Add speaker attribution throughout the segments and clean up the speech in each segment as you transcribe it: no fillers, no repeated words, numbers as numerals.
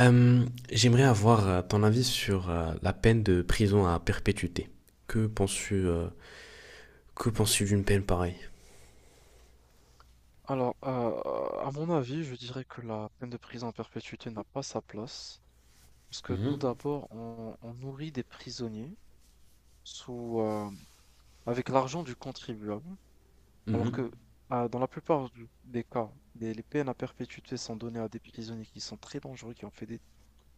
Speaker 1: Euh, j'aimerais avoir ton avis sur la peine de prison à perpétuité. Que penses-tu euh, que penses-tu d'une peine pareille?
Speaker 2: Alors, à mon avis, je dirais que la peine de prison à perpétuité n'a pas sa place, parce que tout
Speaker 1: Mhm,
Speaker 2: d'abord, on nourrit des prisonniers sous, euh, avec l'argent du contribuable, alors
Speaker 1: mhm,
Speaker 2: que dans la plupart des cas, les peines à perpétuité sont données à des prisonniers qui sont très dangereux,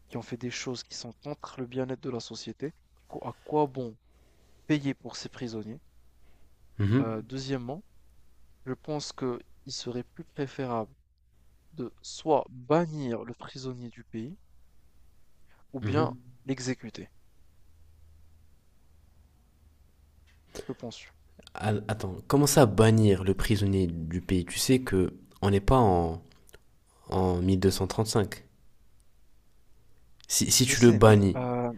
Speaker 2: qui ont fait des choses qui sont contre le bien-être de la société. Du coup, à quoi bon payer pour ces prisonniers?
Speaker 1: mhm,
Speaker 2: Deuxièmement, je pense qu'il serait plus préférable de soit bannir le prisonnier du pays, ou bien
Speaker 1: mhm.
Speaker 2: l'exécuter. Que penses-tu?
Speaker 1: Attends, commencer à bannir le prisonnier du pays. Tu sais que on n'est pas en 1235. Si
Speaker 2: Je
Speaker 1: tu le
Speaker 2: sais, mais
Speaker 1: bannis,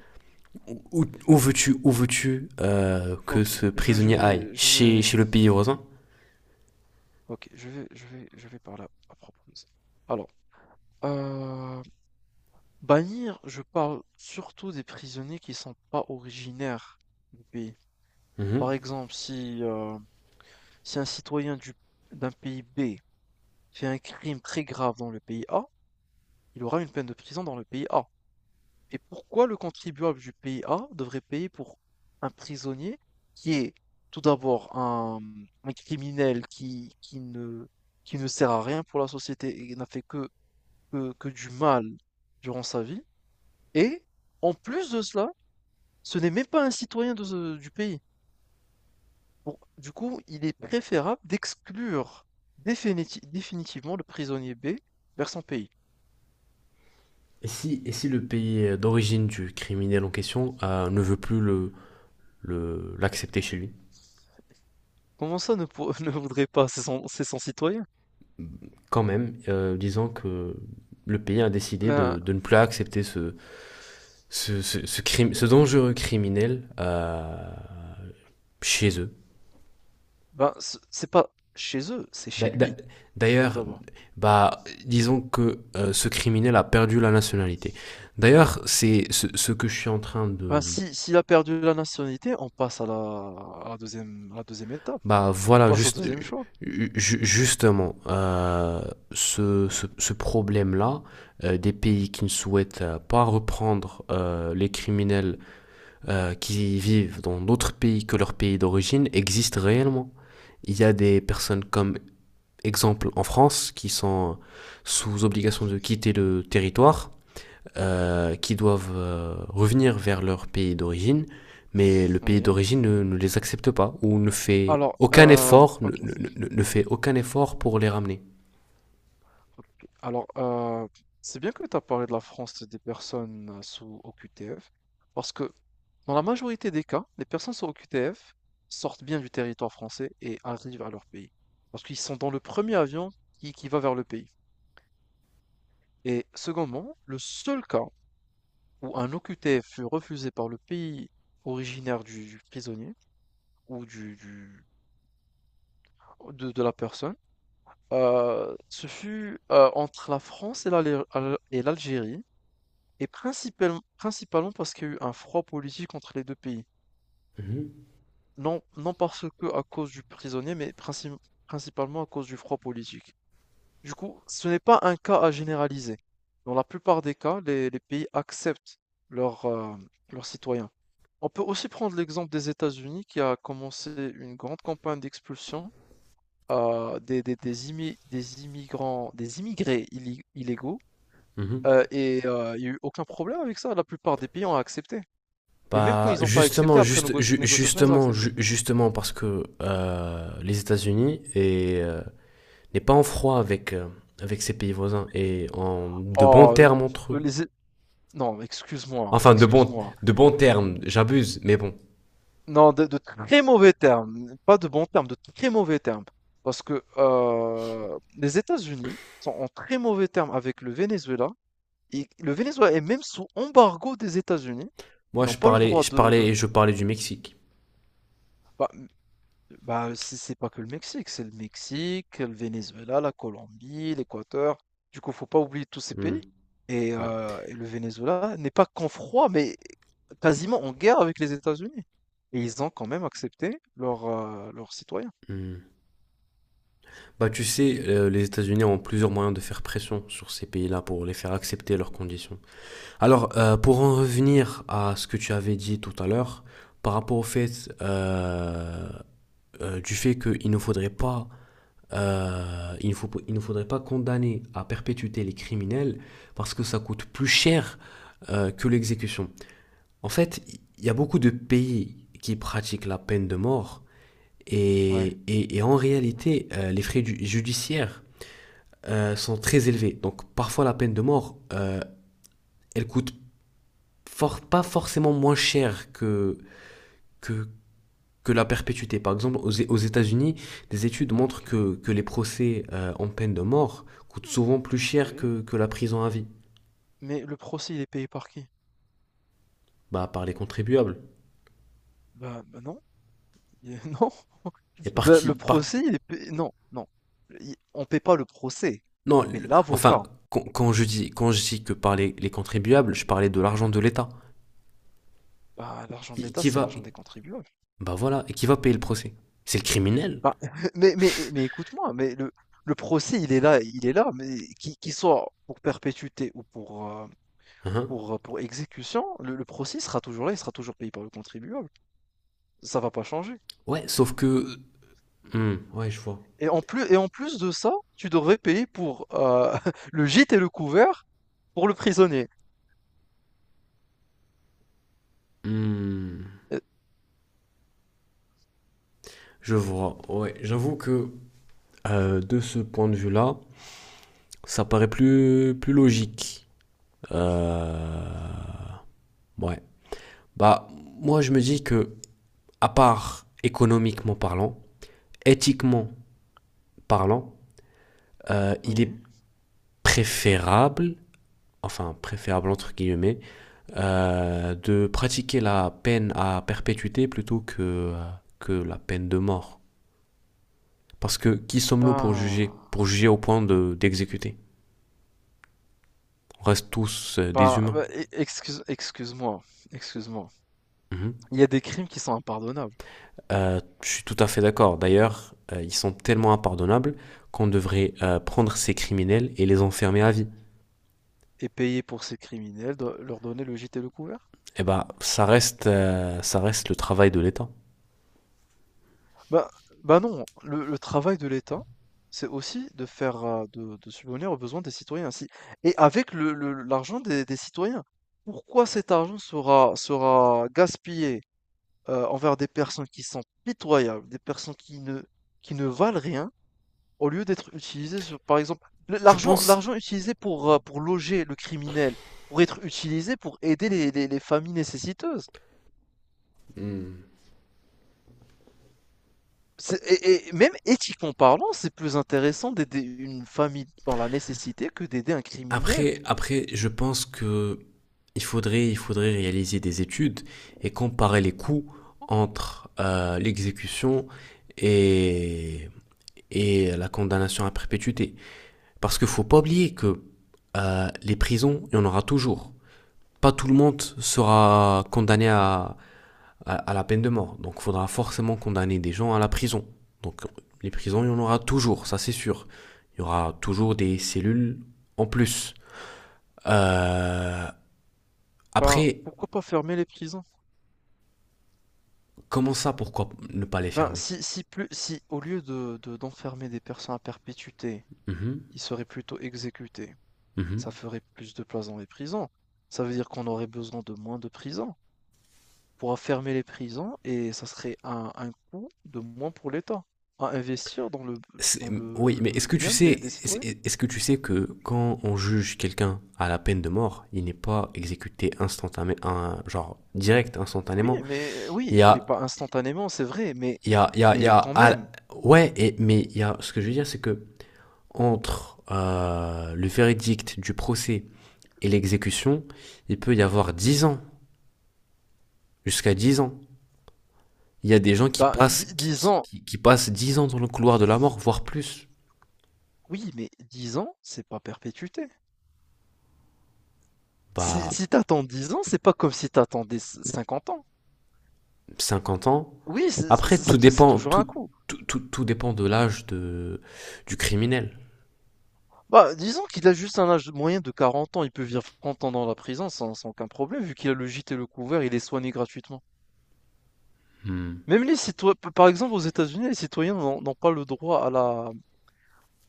Speaker 1: où veux-tu que
Speaker 2: ok,
Speaker 1: ce prisonnier aille? Chez le pays voisin?
Speaker 2: ok, je vais par là à propos de ça. Alors, euh, bannir, je parle surtout des prisonniers qui sont pas originaires du pays.
Speaker 1: Mhm.
Speaker 2: Par exemple, si un citoyen d'un pays B fait un crime très grave dans le pays A, il aura une peine de prison dans le pays A. Et pourquoi le contribuable du pays A devrait payer pour un prisonnier qui est tout d'abord un criminel qui ne sert à rien pour la société et n'a fait que du mal durant sa vie. Et en plus de cela, ce n'est même pas un citoyen de du pays. Du coup, il est préférable d'exclure définitivement le prisonnier B vers son pays.
Speaker 1: Et si le pays d'origine du criminel en question ne veut plus l'accepter chez lui,
Speaker 2: Comment ça ne, pour- ne voudrait pas? C'est son citoyen.
Speaker 1: quand même, disant que le pays a décidé
Speaker 2: Ben,
Speaker 1: de ne plus accepter ce crime, ce dangereux criminel chez eux.
Speaker 2: Ben, c'est pas chez eux, c'est chez lui, tout
Speaker 1: D'ailleurs,
Speaker 2: d'abord.
Speaker 1: bah, disons que ce criminel a perdu la nationalité. D'ailleurs, c'est que je suis en train
Speaker 2: Ben,
Speaker 1: de,
Speaker 2: si s'il a perdu la nationalité, on passe à la à la 2 2 étape.
Speaker 1: Bah
Speaker 2: On
Speaker 1: voilà,
Speaker 2: passe au
Speaker 1: juste,
Speaker 2: deuxième choix.
Speaker 1: justement, ce problème-là, des pays qui ne souhaitent pas reprendre les criminels qui vivent dans d'autres pays que leur pays d'origine, existe réellement. Il y a des personnes comme exemple en France qui sont sous obligation de quitter le territoire qui doivent revenir vers leur pays d'origine, mais le pays
Speaker 2: Oui.
Speaker 1: d'origine ne les accepte pas ou ne fait
Speaker 2: Alors,
Speaker 1: aucun effort,
Speaker 2: OK,
Speaker 1: fait aucun effort pour les ramener.
Speaker 2: OK. Alors, c'est bien que tu as parlé de la France des personnes sous OQTF, parce que dans la majorité des cas, les personnes sous OQTF sortent bien du territoire français et arrivent à leur pays. Parce qu'ils sont dans le premier avion qui va vers le pays et secondement, le seul cas où un OQTF fut refusé par le pays originaire du prisonnier ou de la personne, ce fut entre la France et l'Algérie, et principalement, principalement parce qu'il y a eu un froid politique entre les deux pays.
Speaker 1: Mmh.
Speaker 2: Non, non parce que à cause du prisonnier, mais principalement à cause du froid politique. Du coup, ce n'est pas un cas à généraliser. Dans la plupart des cas, les pays acceptent leurs euh, leurs citoyens. On peut aussi prendre l'exemple des États-Unis qui a commencé une grande campagne d'expulsion des immigrants, des immigrés illégaux
Speaker 1: Mmh.
Speaker 2: et il n'y a eu aucun problème avec ça. La plupart des pays ont accepté. Et même quand
Speaker 1: Bah,
Speaker 2: ils n'ont pas accepté,
Speaker 1: justement,
Speaker 2: après
Speaker 1: juste,
Speaker 2: négociation, ils ont accepté.
Speaker 1: justement, parce que les États-Unis est, n'est pas en froid avec, avec ses pays voisins et en de bons
Speaker 2: Oh, euh,
Speaker 1: termes entre eux.
Speaker 2: les... É- Non, excuse-moi,
Speaker 1: Enfin,
Speaker 2: excuse-moi.
Speaker 1: de bons termes, j'abuse, mais bon.
Speaker 2: Non, de très mauvais termes, pas de bons termes, de très mauvais termes. Parce que les États-Unis sont en très mauvais termes avec le Venezuela. Et le Venezuela est même sous embargo des États-Unis. Ils
Speaker 1: Moi,
Speaker 2: n'ont pas le droit de, de-
Speaker 1: je parlais du Mexique.
Speaker 2: Bah, bah, c'est pas que le Mexique, c'est le Mexique, le Venezuela, la Colombie, l'Équateur. Du coup, faut pas oublier tous ces
Speaker 1: Hmm,
Speaker 2: pays. Et,
Speaker 1: ouais.
Speaker 2: euh, et le Venezuela n'est pas qu'en froid, mais quasiment en guerre avec les États-Unis. Et ils ont quand même accepté leurs citoyens.
Speaker 1: Hmm. Bah, tu sais, les États-Unis ont plusieurs moyens de faire pression sur ces pays-là pour les faire accepter leurs conditions. Alors, pour en revenir à ce que tu avais dit tout à l'heure, par rapport au fait du fait qu'il ne faudrait pas il ne faudrait pas condamner à perpétuité les criminels parce que ça coûte plus cher que l'exécution. En fait, il y a beaucoup de pays qui pratiquent la peine de mort
Speaker 2: Ouais,
Speaker 1: et en réalité, les frais judiciaires sont très élevés. Donc parfois la peine de mort, elle coûte fort, pas forcément moins cher que, que la perpétuité. Par exemple, aux États-Unis, des études montrent
Speaker 2: ok,
Speaker 1: que les procès en peine de mort coûtent souvent plus cher
Speaker 2: oui.
Speaker 1: que la prison à vie.
Speaker 2: Mais le procès, il est payé par qui?
Speaker 1: Bah, par les contribuables.
Speaker 2: Bah, non. Il est- Non,
Speaker 1: Et par
Speaker 2: le
Speaker 1: qui
Speaker 2: le
Speaker 1: par...
Speaker 2: procès, il est payé-. Non, non. On paie pas le procès,
Speaker 1: Non,
Speaker 2: on paie l'avocat.
Speaker 1: enfin, quand je dis que par les contribuables, je parlais de l'argent de l'État.
Speaker 2: Bah, l'argent de
Speaker 1: Qui,
Speaker 2: l'État,
Speaker 1: qui
Speaker 2: c'est
Speaker 1: va,
Speaker 2: l'argent des contribuables.
Speaker 1: Bah voilà, et qui va payer le procès. C'est le criminel.
Speaker 2: Bah, mais écoute-moi, mais le procès, il est là, mais qu'il soit pour perpétuité ou
Speaker 1: Hein.
Speaker 2: pour exécution, le procès sera toujours là, il sera toujours payé par le contribuable. Ça va pas changer.
Speaker 1: Ouais, sauf que... Hmm, ouais, je vois.
Speaker 2: Et en plus de ça, tu devrais payer pour le gîte et le couvert pour le prisonnier.
Speaker 1: Hmm,
Speaker 2: Euh,
Speaker 1: je vois. Ouais, j'avoue que de ce point de vue-là, ça paraît plus, plus logique. Euh, Ouais. Bah, moi, je me dis que, à part économiquement parlant, éthiquement parlant, il est
Speaker 2: Oui.
Speaker 1: préférable, enfin préférable entre guillemets, de pratiquer la peine à perpétuité plutôt euh, que la peine de mort. Parce que qui sommes-nous pour juger.
Speaker 2: Ah.
Speaker 1: Pour juger au point d'exécuter. On reste tous des
Speaker 2: Ben,
Speaker 1: humains.
Speaker 2: bah, e excuse-moi, excuse-moi.
Speaker 1: Mhm.
Speaker 2: Il y a des crimes qui sont impardonnables
Speaker 1: Je suis tout à fait d'accord. D'ailleurs, ils sont tellement impardonnables qu'on devrait prendre ces criminels et les enfermer à vie.
Speaker 2: et payer pour ces criminels, leur donner le gîte et le couvert?
Speaker 1: Eh ben, ça reste le travail de l'État.
Speaker 2: Bah, bah, non, le travail de l'État, c'est aussi de faire de subvenir aux besoins des citoyens ainsi et avec l'argent des citoyens. Pourquoi cet argent sera gaspillé envers des personnes qui sont pitoyables, des personnes qui ne valent rien? Au lieu d'être utilisé sur, par exemple, le
Speaker 1: Je
Speaker 2: l'argent
Speaker 1: pense.
Speaker 2: l'argent utilisé pour loger le criminel, pourrait être utilisé pour aider les familles nécessiteuses.
Speaker 1: Hmm.
Speaker 2: C'est et même éthiquement parlant, c'est plus intéressant d'aider une famille dans la nécessité que d'aider un criminel.
Speaker 1: Après, après, je pense que il faudrait réaliser des études et comparer les coûts entre l'exécution et, et la condamnation à perpétuité. Parce qu'il ne faut pas oublier que les prisons, il y en aura toujours. Pas tout le monde sera condamné à la peine de mort. Donc, il faudra forcément condamner des gens à la prison. Donc, les prisons, il y en aura toujours, ça c'est sûr. Il y aura toujours des cellules en plus. Euh,
Speaker 2: Ben,
Speaker 1: après,
Speaker 2: pourquoi pas fermer les prisons?
Speaker 1: comment ça, pourquoi ne pas les
Speaker 2: Ben,
Speaker 1: fermer?
Speaker 2: si au lieu de d'enfermer des personnes à perpétuité,
Speaker 1: Mhm,
Speaker 2: ils seraient plutôt exécutés, ça
Speaker 1: mhm.
Speaker 2: ferait plus de place dans les prisons. Ça veut dire qu'on aurait besoin de moins de prisons pour enfermer les prisons et ça serait un coût de moins pour l'État à investir dans
Speaker 1: C'est- Oui, mais est-ce
Speaker 2: le
Speaker 1: que tu
Speaker 2: bien
Speaker 1: sais,
Speaker 2: des citoyens.
Speaker 1: est-ce que tu sais que quand on juge quelqu'un à la peine de mort, il n'est pas exécuté instantanément, genre direct, instantanément. Il y
Speaker 2: Oui, mais pas
Speaker 1: a,
Speaker 2: instantanément, c'est vrai,
Speaker 1: il y a, il y a, il y
Speaker 2: mais
Speaker 1: a,
Speaker 2: quand même,
Speaker 1: ouais, et, mais il y a, ce que je veux dire, c'est que entre le verdict du procès et l'exécution, il peut y avoir 10 ans, jusqu'à 10 ans. Il y a des gens qui
Speaker 2: bah,
Speaker 1: passent,
Speaker 2: 10 ans,
Speaker 1: qui passent 10 ans dans le couloir de la mort, voire plus,
Speaker 2: oui, mais 10 ans, c'est pas perpétuité. Si,
Speaker 1: bah
Speaker 2: si t'attends dix ans, c'est pas comme si t'attendais 50 ans.
Speaker 1: 50 ans.
Speaker 2: Oui,
Speaker 1: Après, tout
Speaker 2: c'est
Speaker 1: dépend,
Speaker 2: toujours un coup.
Speaker 1: tout dépend de l'âge de, du criminel.
Speaker 2: Bah, disons qu'il a juste un âge moyen de 40 ans, il peut vivre 30 ans dans la prison sans aucun problème, vu qu'il a le gîte et le couvert, il est soigné gratuitement.
Speaker 1: Hmm.
Speaker 2: Même les citoyens, par exemple, aux États-Unis, les citoyens n'ont pas le droit à la,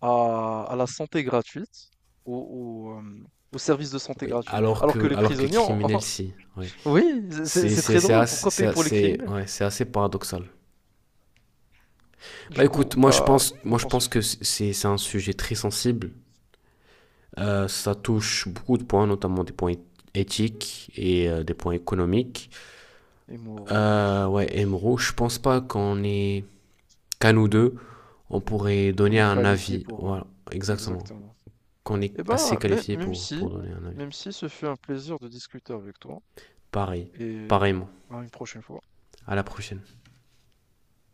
Speaker 2: à, à la santé gratuite, au, au, euh, au service de santé
Speaker 1: Oui,
Speaker 2: gratuit, alors que les
Speaker 1: alors que
Speaker 2: prisonniers ont...
Speaker 1: criminel, si. Ouais.
Speaker 2: Oui, c'est très
Speaker 1: C'est
Speaker 2: drôle,
Speaker 1: assez,
Speaker 2: pourquoi payer pour les criminels?
Speaker 1: ouais, c'est assez paradoxal. Bah
Speaker 2: Du coup,
Speaker 1: écoute,
Speaker 2: qu'en
Speaker 1: moi, je
Speaker 2: penses-tu?
Speaker 1: pense que c'est un sujet très sensible. Ça touche beaucoup de points, notamment des points éthiques et des points économiques.
Speaker 2: Et moraux, bien sûr.
Speaker 1: Ouais, Emro, je pense pas qu'on est qu'à nous deux, on pourrait
Speaker 2: On
Speaker 1: donner
Speaker 2: est
Speaker 1: un
Speaker 2: qualifié
Speaker 1: avis.
Speaker 2: pour...
Speaker 1: Voilà, exactement.
Speaker 2: Exactement.
Speaker 1: Qu'on est
Speaker 2: Eh
Speaker 1: assez
Speaker 2: ben,
Speaker 1: qualifié pour donner un avis.
Speaker 2: même si ce fut un plaisir de discuter avec toi,
Speaker 1: Pareil,
Speaker 2: et
Speaker 1: pareillement.
Speaker 2: à une prochaine fois.
Speaker 1: À la prochaine.